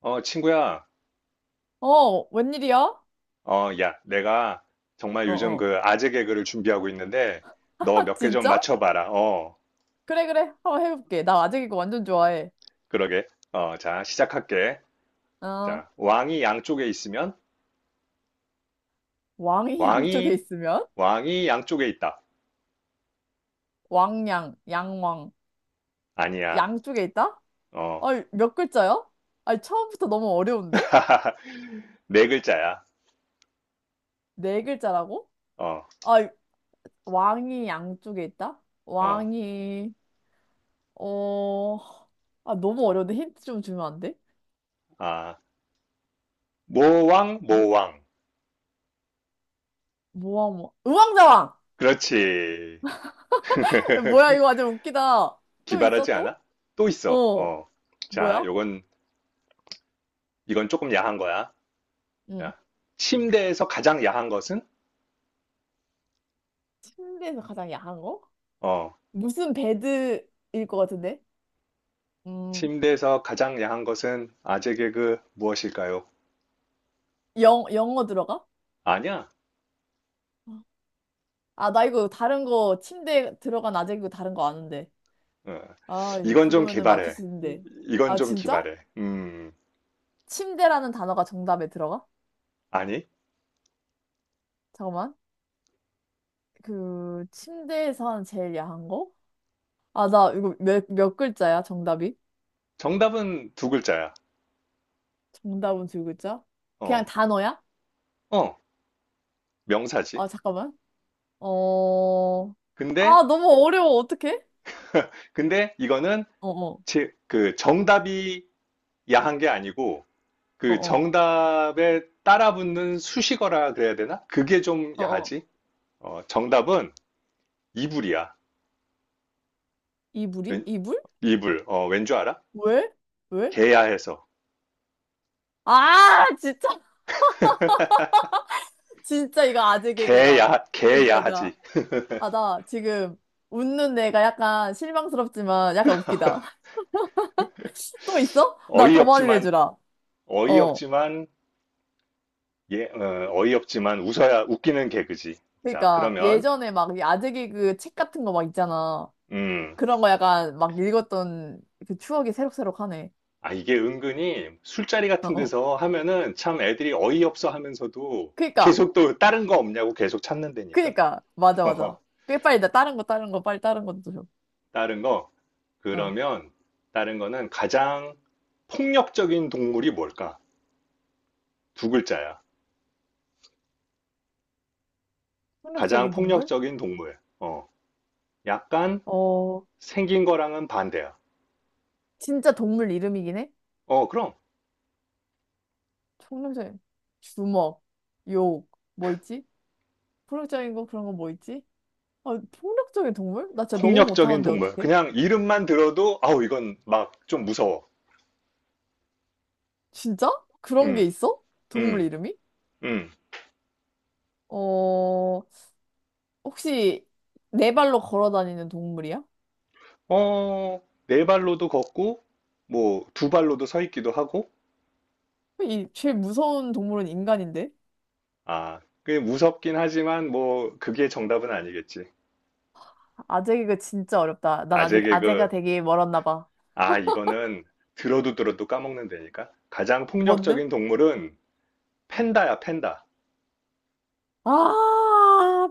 어, 친구야. 어, 웬일이야? 어, 어, 야, 내가 정말 요즘 어. 그 아재 개그를 준비하고 있는데, 너 몇 개 좀 진짜? 맞춰봐라. 어, 그래, 그래. 한번 해볼게. 나 아직 이거 완전 좋아해. 그러게. 어, 자, 시작할게. 어, 자, 왕이 양쪽에 있으면, 왕이 양쪽에 왕이, 있으면? 왕이 양쪽에 있다. 왕양, 양왕. 아니야. 양쪽에 있다? 어, 아, 몇 글자야? 아니, 처음부터 너무 어려운데? 네 글자야. 네 글자라고? 어, 아, 왕이 양쪽에 있다? 어, 왕이, 어, 아, 너무 어려운데? 힌트 좀 주면 안 돼? 아, 모왕, 뭐, 모왕. 뭐야. 우왕좌왕! 그렇지. 뭐야, 이거 완전 웃기다. 또 있어, 기발하지 또? 않아? 또 있어. 어, 어, 자, 뭐야? 요건, 이건 조금 야한 거야. 응. 야, 침대에서 가장 야한 것은? 침대에서 가장 야한 거? 어, 무슨 베드일 것 같은데? 음, 침대에서 가장 야한 것은 아재 개그 무엇일까요? 영어 들어가? 아니야. 아, 나 이거 다른 거, 침대 들어간 아재이고 다른 거 아는데. 어, 아, 이건 좀 그거면은 맞출 개발해. 수 있는데. 이건 아, 좀 진짜? 기발해. 침대라는 단어가 정답에 들어가? 아니. 잠깐만. 그, 침대에서 하는 제일 야한 거? 아, 나 이거 몇 글자야, 정답이? 정답은 두 글자야. 정답은 두 글자? 그냥 어, 단어야? 어, 명사지. 아, 잠깐만. 어, 근데, 아, 너무 어려워. 어떡해? 근데 이거는 어어, 그 정답이 야한 게 아니고 그 어어, 정답에 따라붙는 수식어라 그래야 되나? 그게 좀 어어. 야하지. 어, 정답은 이불이야. 이불이? 웬- 이불? 이불. 어, 왠 줄 알아? 왜? 왜? 개야해서 아, 진짜. 진짜 이거 아재 개그다. 개야 진짜 개야하지 나. 아, 나 지금 웃는 내가 약간 실망스럽지만 약간 웃기다. 또 있어? 나 더 많이 어이없지만 내주라. 어. 어이없지만 예, 어, 이없지만 웃어야 웃기는 개그지. 자, 그러니까 그러면 예전에 막이 아재 개그 책 같은 거 막 있잖아. 음, 그런 거 약간 막 읽었던 그 추억이 새록새록하네. 아 이게 은근히 술자리 어, 같은 어. 데서 하면은 참 애들이 어이없어 하면서도 그러니까, 계속 또 다른 거 없냐고 계속 찾는 데니까. 그러니까. 맞아, 맞아. 꽤 빨리 나 다른 거, 다른 거, 빨리 다른 것도 줘. 다른 거 어. 그러면 다른 거는 가장 폭력적인 동물이 뭘까? 두 글자야. 가장 폭력적인 동물? 폭력적인 동물. 어, 약간 어, 생긴 거랑은 반대야. 진짜 동물 이름이긴 해? 어, 그럼. 청렴생 주먹, 욕, 뭐 있지? 폭력적인 거 그런 거 뭐 있지? 아, 폭력적인 동물? 나 진짜 너무 폭력적인 못하는데 동물. 어떡해? 그냥 이름만 들어도, 아우, 이건 막 좀 무서워. 진짜? 그런 게 음, 있어? 동물 음, 이름이? 음. 어, 혹시 네 발로 걸어 다니는 동물이야? 어, 네 발로도 걷고, 뭐, 두 발로도 서 있기도 하고, 이 제일 무서운 동물은 인간인데? 아, 그게 무섭긴 하지만, 뭐, 그게 정답은 아니겠지. 아재 개그 진짜 어렵다. 난 아재 아직 아재가 개그, 되기 멀었나 봐. 아, 이거는 들어도 들어도 까먹는다니까. 가장 뭔데? 폭력적인 동물은 팬다야, 팬다. 아,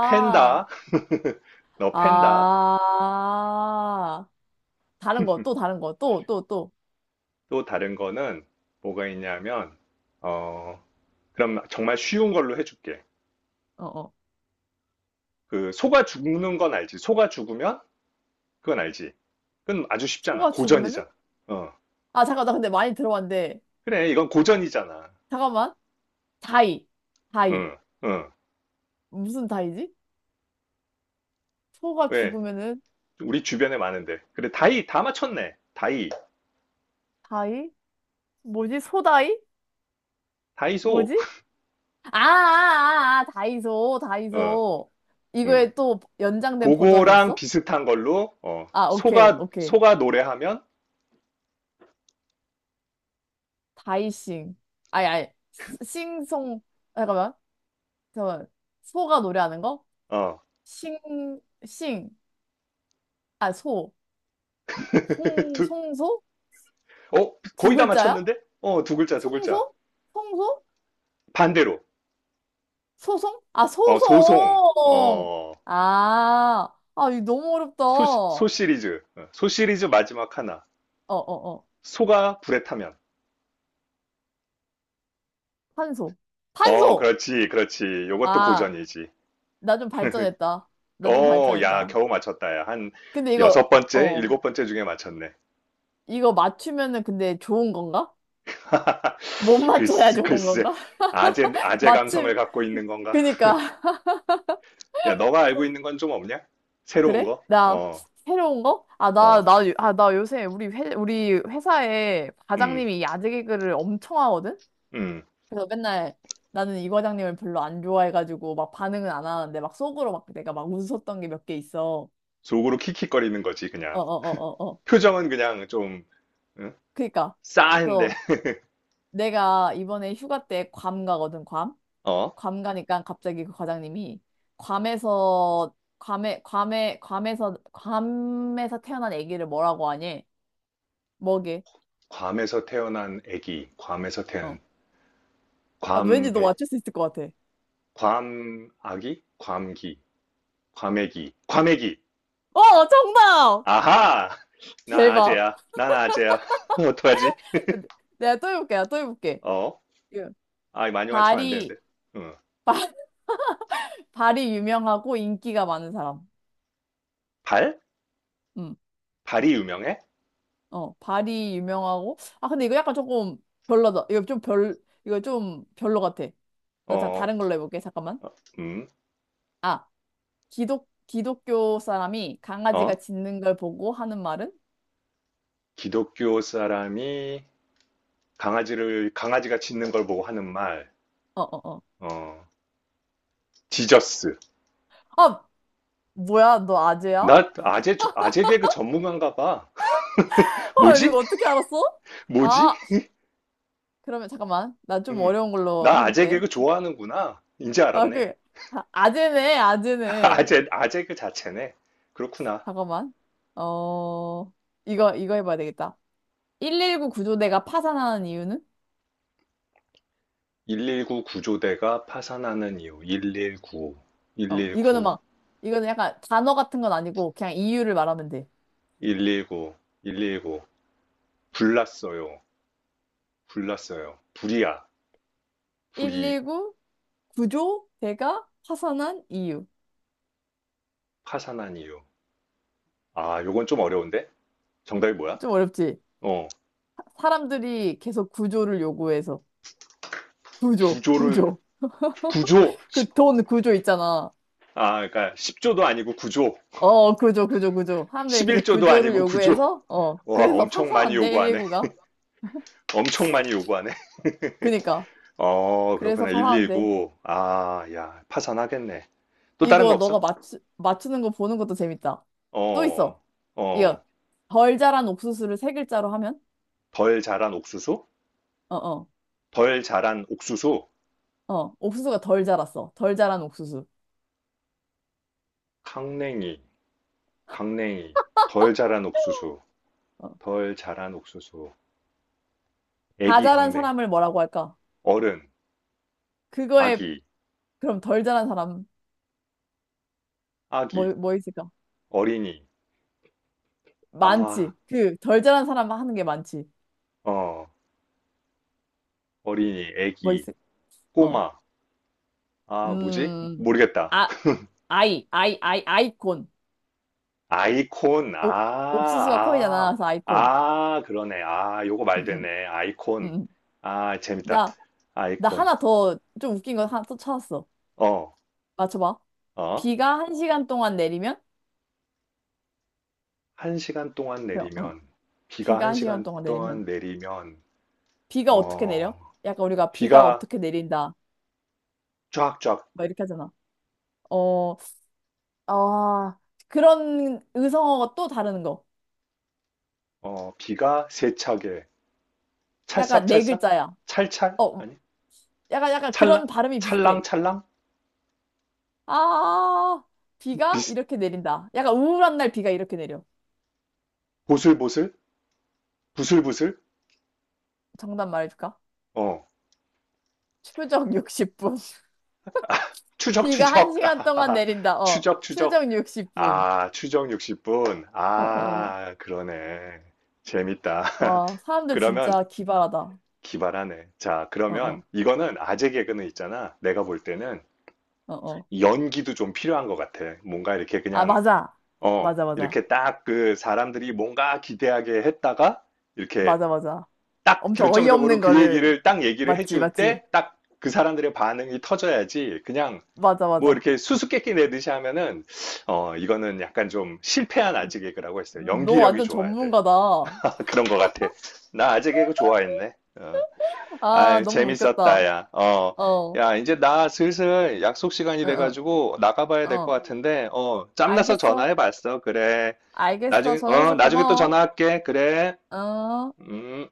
팬다, 너 팬다. 아. 다른 거, 또 다른 거, 또, 또, 또. 또 다른 거는 뭐가 있냐면, 어, 그럼 정말 쉬운 걸로 해줄게. 어, 어. 그 소가 죽는 건 알지. 소가 죽으면 그건 알지. 그건 아주 쉽잖아. 소가 죽으면은? 고전이잖아. 어. 아, 잠깐, 나 근데 많이 들어봤는데. 그래, 이건 고전이잖아. 잠깐만. 다이. 다이. 응, 응. 무슨 다이지? 소가 왜? 죽으면은 우리 주변에 많은데. 그래, 다이, 다 맞췄네. 다이, 다이? 뭐지? 소다이? 다이소. 뭐지? 아, 아, 아, 아, 다이소, 어, 다이소. 응. 이거에 또 연장된 버전이 그거랑 있어? 비슷한 걸로, 어, 아, 오케이, 오케이. 소가 노래하면, 다이싱. 아니, 아니. 싱송. 잠깐만. 잠깐만. 소가 노래하는 거? 어, 싱, 싱. 아, 소. 송, 두, 송소? 어, 두 거의 다 글자야? 맞췄는데? 어, 두 글자, 두 글자. 청소? 청소? 반대로, 소송? 아, 어, 소송, 소송! 어, 아, 아, 이거 너무 어렵다. 소, 소 어, 시리즈, 어, 소 시리즈 마지막 하나. 어, 어. 소가 불에 타면. 판소. 판 어, 소 그렇지, 그렇지. 요것도 아, 고전이지. 나 좀 발전했다. 나 좀 어, 야, 발전했다. 겨우 맞췄다, 야. 한 근데 이거, 여섯 번째, 어, 일곱 번째 중에 맞췄네. 이거 맞추면은 근데 좋은 건가? 못 맞춰야 글쎄, 좋은 글쎄. 건가? 아재, 아재 감성을 맞추, 갖고 있는 건가? 그니까. 야, 너가 알고 있는 건 좀 없냐? 새로운 그래? 거? 나 어, 새로운 거? 아, 나, 어, 나, 요- 아, 나 요새 우리 우리 회사에 음, 과장님이 야제 개그를 엄청 하거든? 음. 그래서 맨날 나는 이 과장님을 별로 안 좋아해가지고 막 반응은 안 하는데 막 속으로 막 내가 막 웃었던 게 몇 개 있어. 속으로 킥킥거리는 거지, 어 그냥. 어 어 어 어. 표정은 그냥 좀, 응? 그니까. 싸한데. 그래서 내가 이번에 휴가 때 괌 가거든, 괌. 어? 괌 가니까 갑자기 그 과장님이 괌에서 괌에 괌에 괌에서 괌에서 태어난 아기를 뭐라고 하니? 뭐게? 괌에서 태어난 애기. 괌에서 어. 태어난, 아, 괌, 왠지 너 배, 맞출 수 있을 것 같아. 괌, 아기? 괌기. 과메기. 과메기. 어, 정답! 아하! 난 대박. 아재야. 난 아재야. 어떡하지? 내가 또 해볼게, 내가 또 해볼게. 어? 예. 아, 많이 맞추면 안 다리 되는데. 응. 발이 유명하고 인기가 많은 사람. 발? 음, 발이 유명해? 어, 발이 유명하고. 아, 근데 이거 약간 조금 별로다. 이거 좀 별, 이거 좀 별로 같아. 나 자, 어, 다른 걸로 해볼게. 잠깐만. 음, 아, 기독교 사람이 어? 강아지가 짖는 걸 보고 하는 말은? 기독교 사람이 강아지가 짖는 걸 보고 하는 말. 어, 어, 어. 어, 지저스. 아, 뭐야? 너 아재야? 나 아재, 아재 개그 전문가인가 봐. 헐, 뭐지? 이거 어떻게 알았어? 뭐지? 아, 그러면 잠깐만. 나 좀 음, 어려운 걸로 나 아재 해볼게. 개그 좋아하는구나. 이제 아, 알았네. 그, 아, 아재네, 아재네. 아재, 아재 그 자체네. 그렇구나. 잠깐만. 어, 이거, 이거 해봐야 되겠다. 119 구조대가 파산하는 이유는? 119 구조대가 파산하는 이유 119 어, 이거는 119 막, 이거는 약간 단어 같은 건 아니고 그냥 이유를 말하면 돼. 119 119 불났어요 불났어요 불이야 불이 119 구조대가 파산한 이유. 파산한 이유 아 요건 좀 어려운데 정답이 뭐야? 좀 어렵지? 어 사람들이 계속 구조를 요구해서. 구조, 구조를 구조. 구조 그 돈 구조 있잖아. 아 그러니까 10조도 아니고 구조 어, 구조, 구조, 구조. 사람들이 계속 11조도 구조를 아니고 구조 요구해서, 어, 와 그래서 엄청 많이 파산한대, 요구하네 119가. 엄청 많이 요구하네 그니까. 어 그래서 그렇구나 파산한대. 119 아 야 파산하겠네 또 다른 거 이거 너가 없어? 맞추는 거 보는 것도 재밌다. 또 어 있어. 어. 이거 덜 자란 옥수수를 세 글자로 하면? 덜 자란 옥수수? 어, 어, 덜 자란 옥수수? 어. 옥수수가 덜 자랐어. 덜 자란 옥수수. 강냉이, 강냉이. 덜 자란 옥수수, 어. 덜 자란 옥수수. 다 애기 자란 강냉, 사람을 뭐라고 할까? 어른, 그거에 아기, 그럼 덜 자란 사람 아기, 뭐, 뭐 있을까? 어린이. 아, 많지. 그 덜 자란 사람 하는 게 많지. 어, 어린이, 뭐 애기, 있을? 어. 꼬마. 아, 뭐지? 음. 모르겠다. 아, 아이, 아이, 아이, 아이콘. 아이콘, 옥, 옥수수가 코이잖아. 아, 아, 그래서 아이콘. 아, 그러네. 아, 요거 말 응, 응, 되네. 응. 아이콘. 응. 아, 재밌다. 나 나 아이콘. 하나 더 좀 웃긴 거 하나 또 찾았어. 어, 맞춰봐. 어. 비가 한 시간 동안 내리면? 한 시간 동안 그 응. 내리면, 비가 비가 한 한 시간 시간 동안 내리면. 동안 내리면, 비가 어떻게 어, 내려? 약간 우리가 비가 비가 어떻게 내린다. 쫙쫙, 막 이렇게 하잖아. 어, 아, 그런 의성어가 또 다른 거. 어, 비가 세차게, 약간 네 찰싹찰싹? 글자야. 찰찰? 어, 아니, 약간, 약간 찰랑? 그런 발음이 비슷해. 찰랑찰랑? 아, 비가 비스, 이렇게 내린다. 약간 우울한 날 비가 이렇게 내려. 보슬보슬? 부슬부슬? 정답 말해줄까? 어, 추적 60분. 비가 한 추적추적! 시간 동안 아하하, 내린다. 어, 추적추적! 추적 60분. 아, 추적 60분. 어, 어. 아, 그러네. 재밌다. 와, 사람들 그러면 진짜 기발하다. 기발하네. 자, 어, 그러면 어, 이거는 아재 개그는 있잖아. 내가 볼 때는 어, 어. 연기도 좀 필요한 것 같아. 뭔가 이렇게 아, 그냥, 맞아. 어, 맞아, 맞아. 이렇게 딱 그 사람들이 뭔가 기대하게 했다가, 이렇게 맞아, 맞아. 딱 엄청 결정적으로 어이없는 거를. 딱 얘기를 맞지, 해줄 맞지. 때, 딱 그 사람들의 반응이 터져야지. 그냥 맞아, 뭐 맞아. 이렇게 수수께끼 내듯이 하면은, 어, 이거는 약간 좀 실패한 아재 개그라고 했어요. 너 연기력이 완전 좋아야 돼. 전문가다. 그런 것 같아. 나 아재 개그 좋아했네. 어. 아, 아유, 너무 재밌었다, 웃겼다. 야. 어. 어, 응, 야, 이제 나 슬슬 약속 시간이 응, 돼가지고 나가봐야 될 것 어. 같은데, 어, 짬나서 알겠어. 전화해봤어. 그래. 알겠어. 나중에, 어, 전화줘서 나중에 또 고마워. 전화할게. 그래. 어. 음.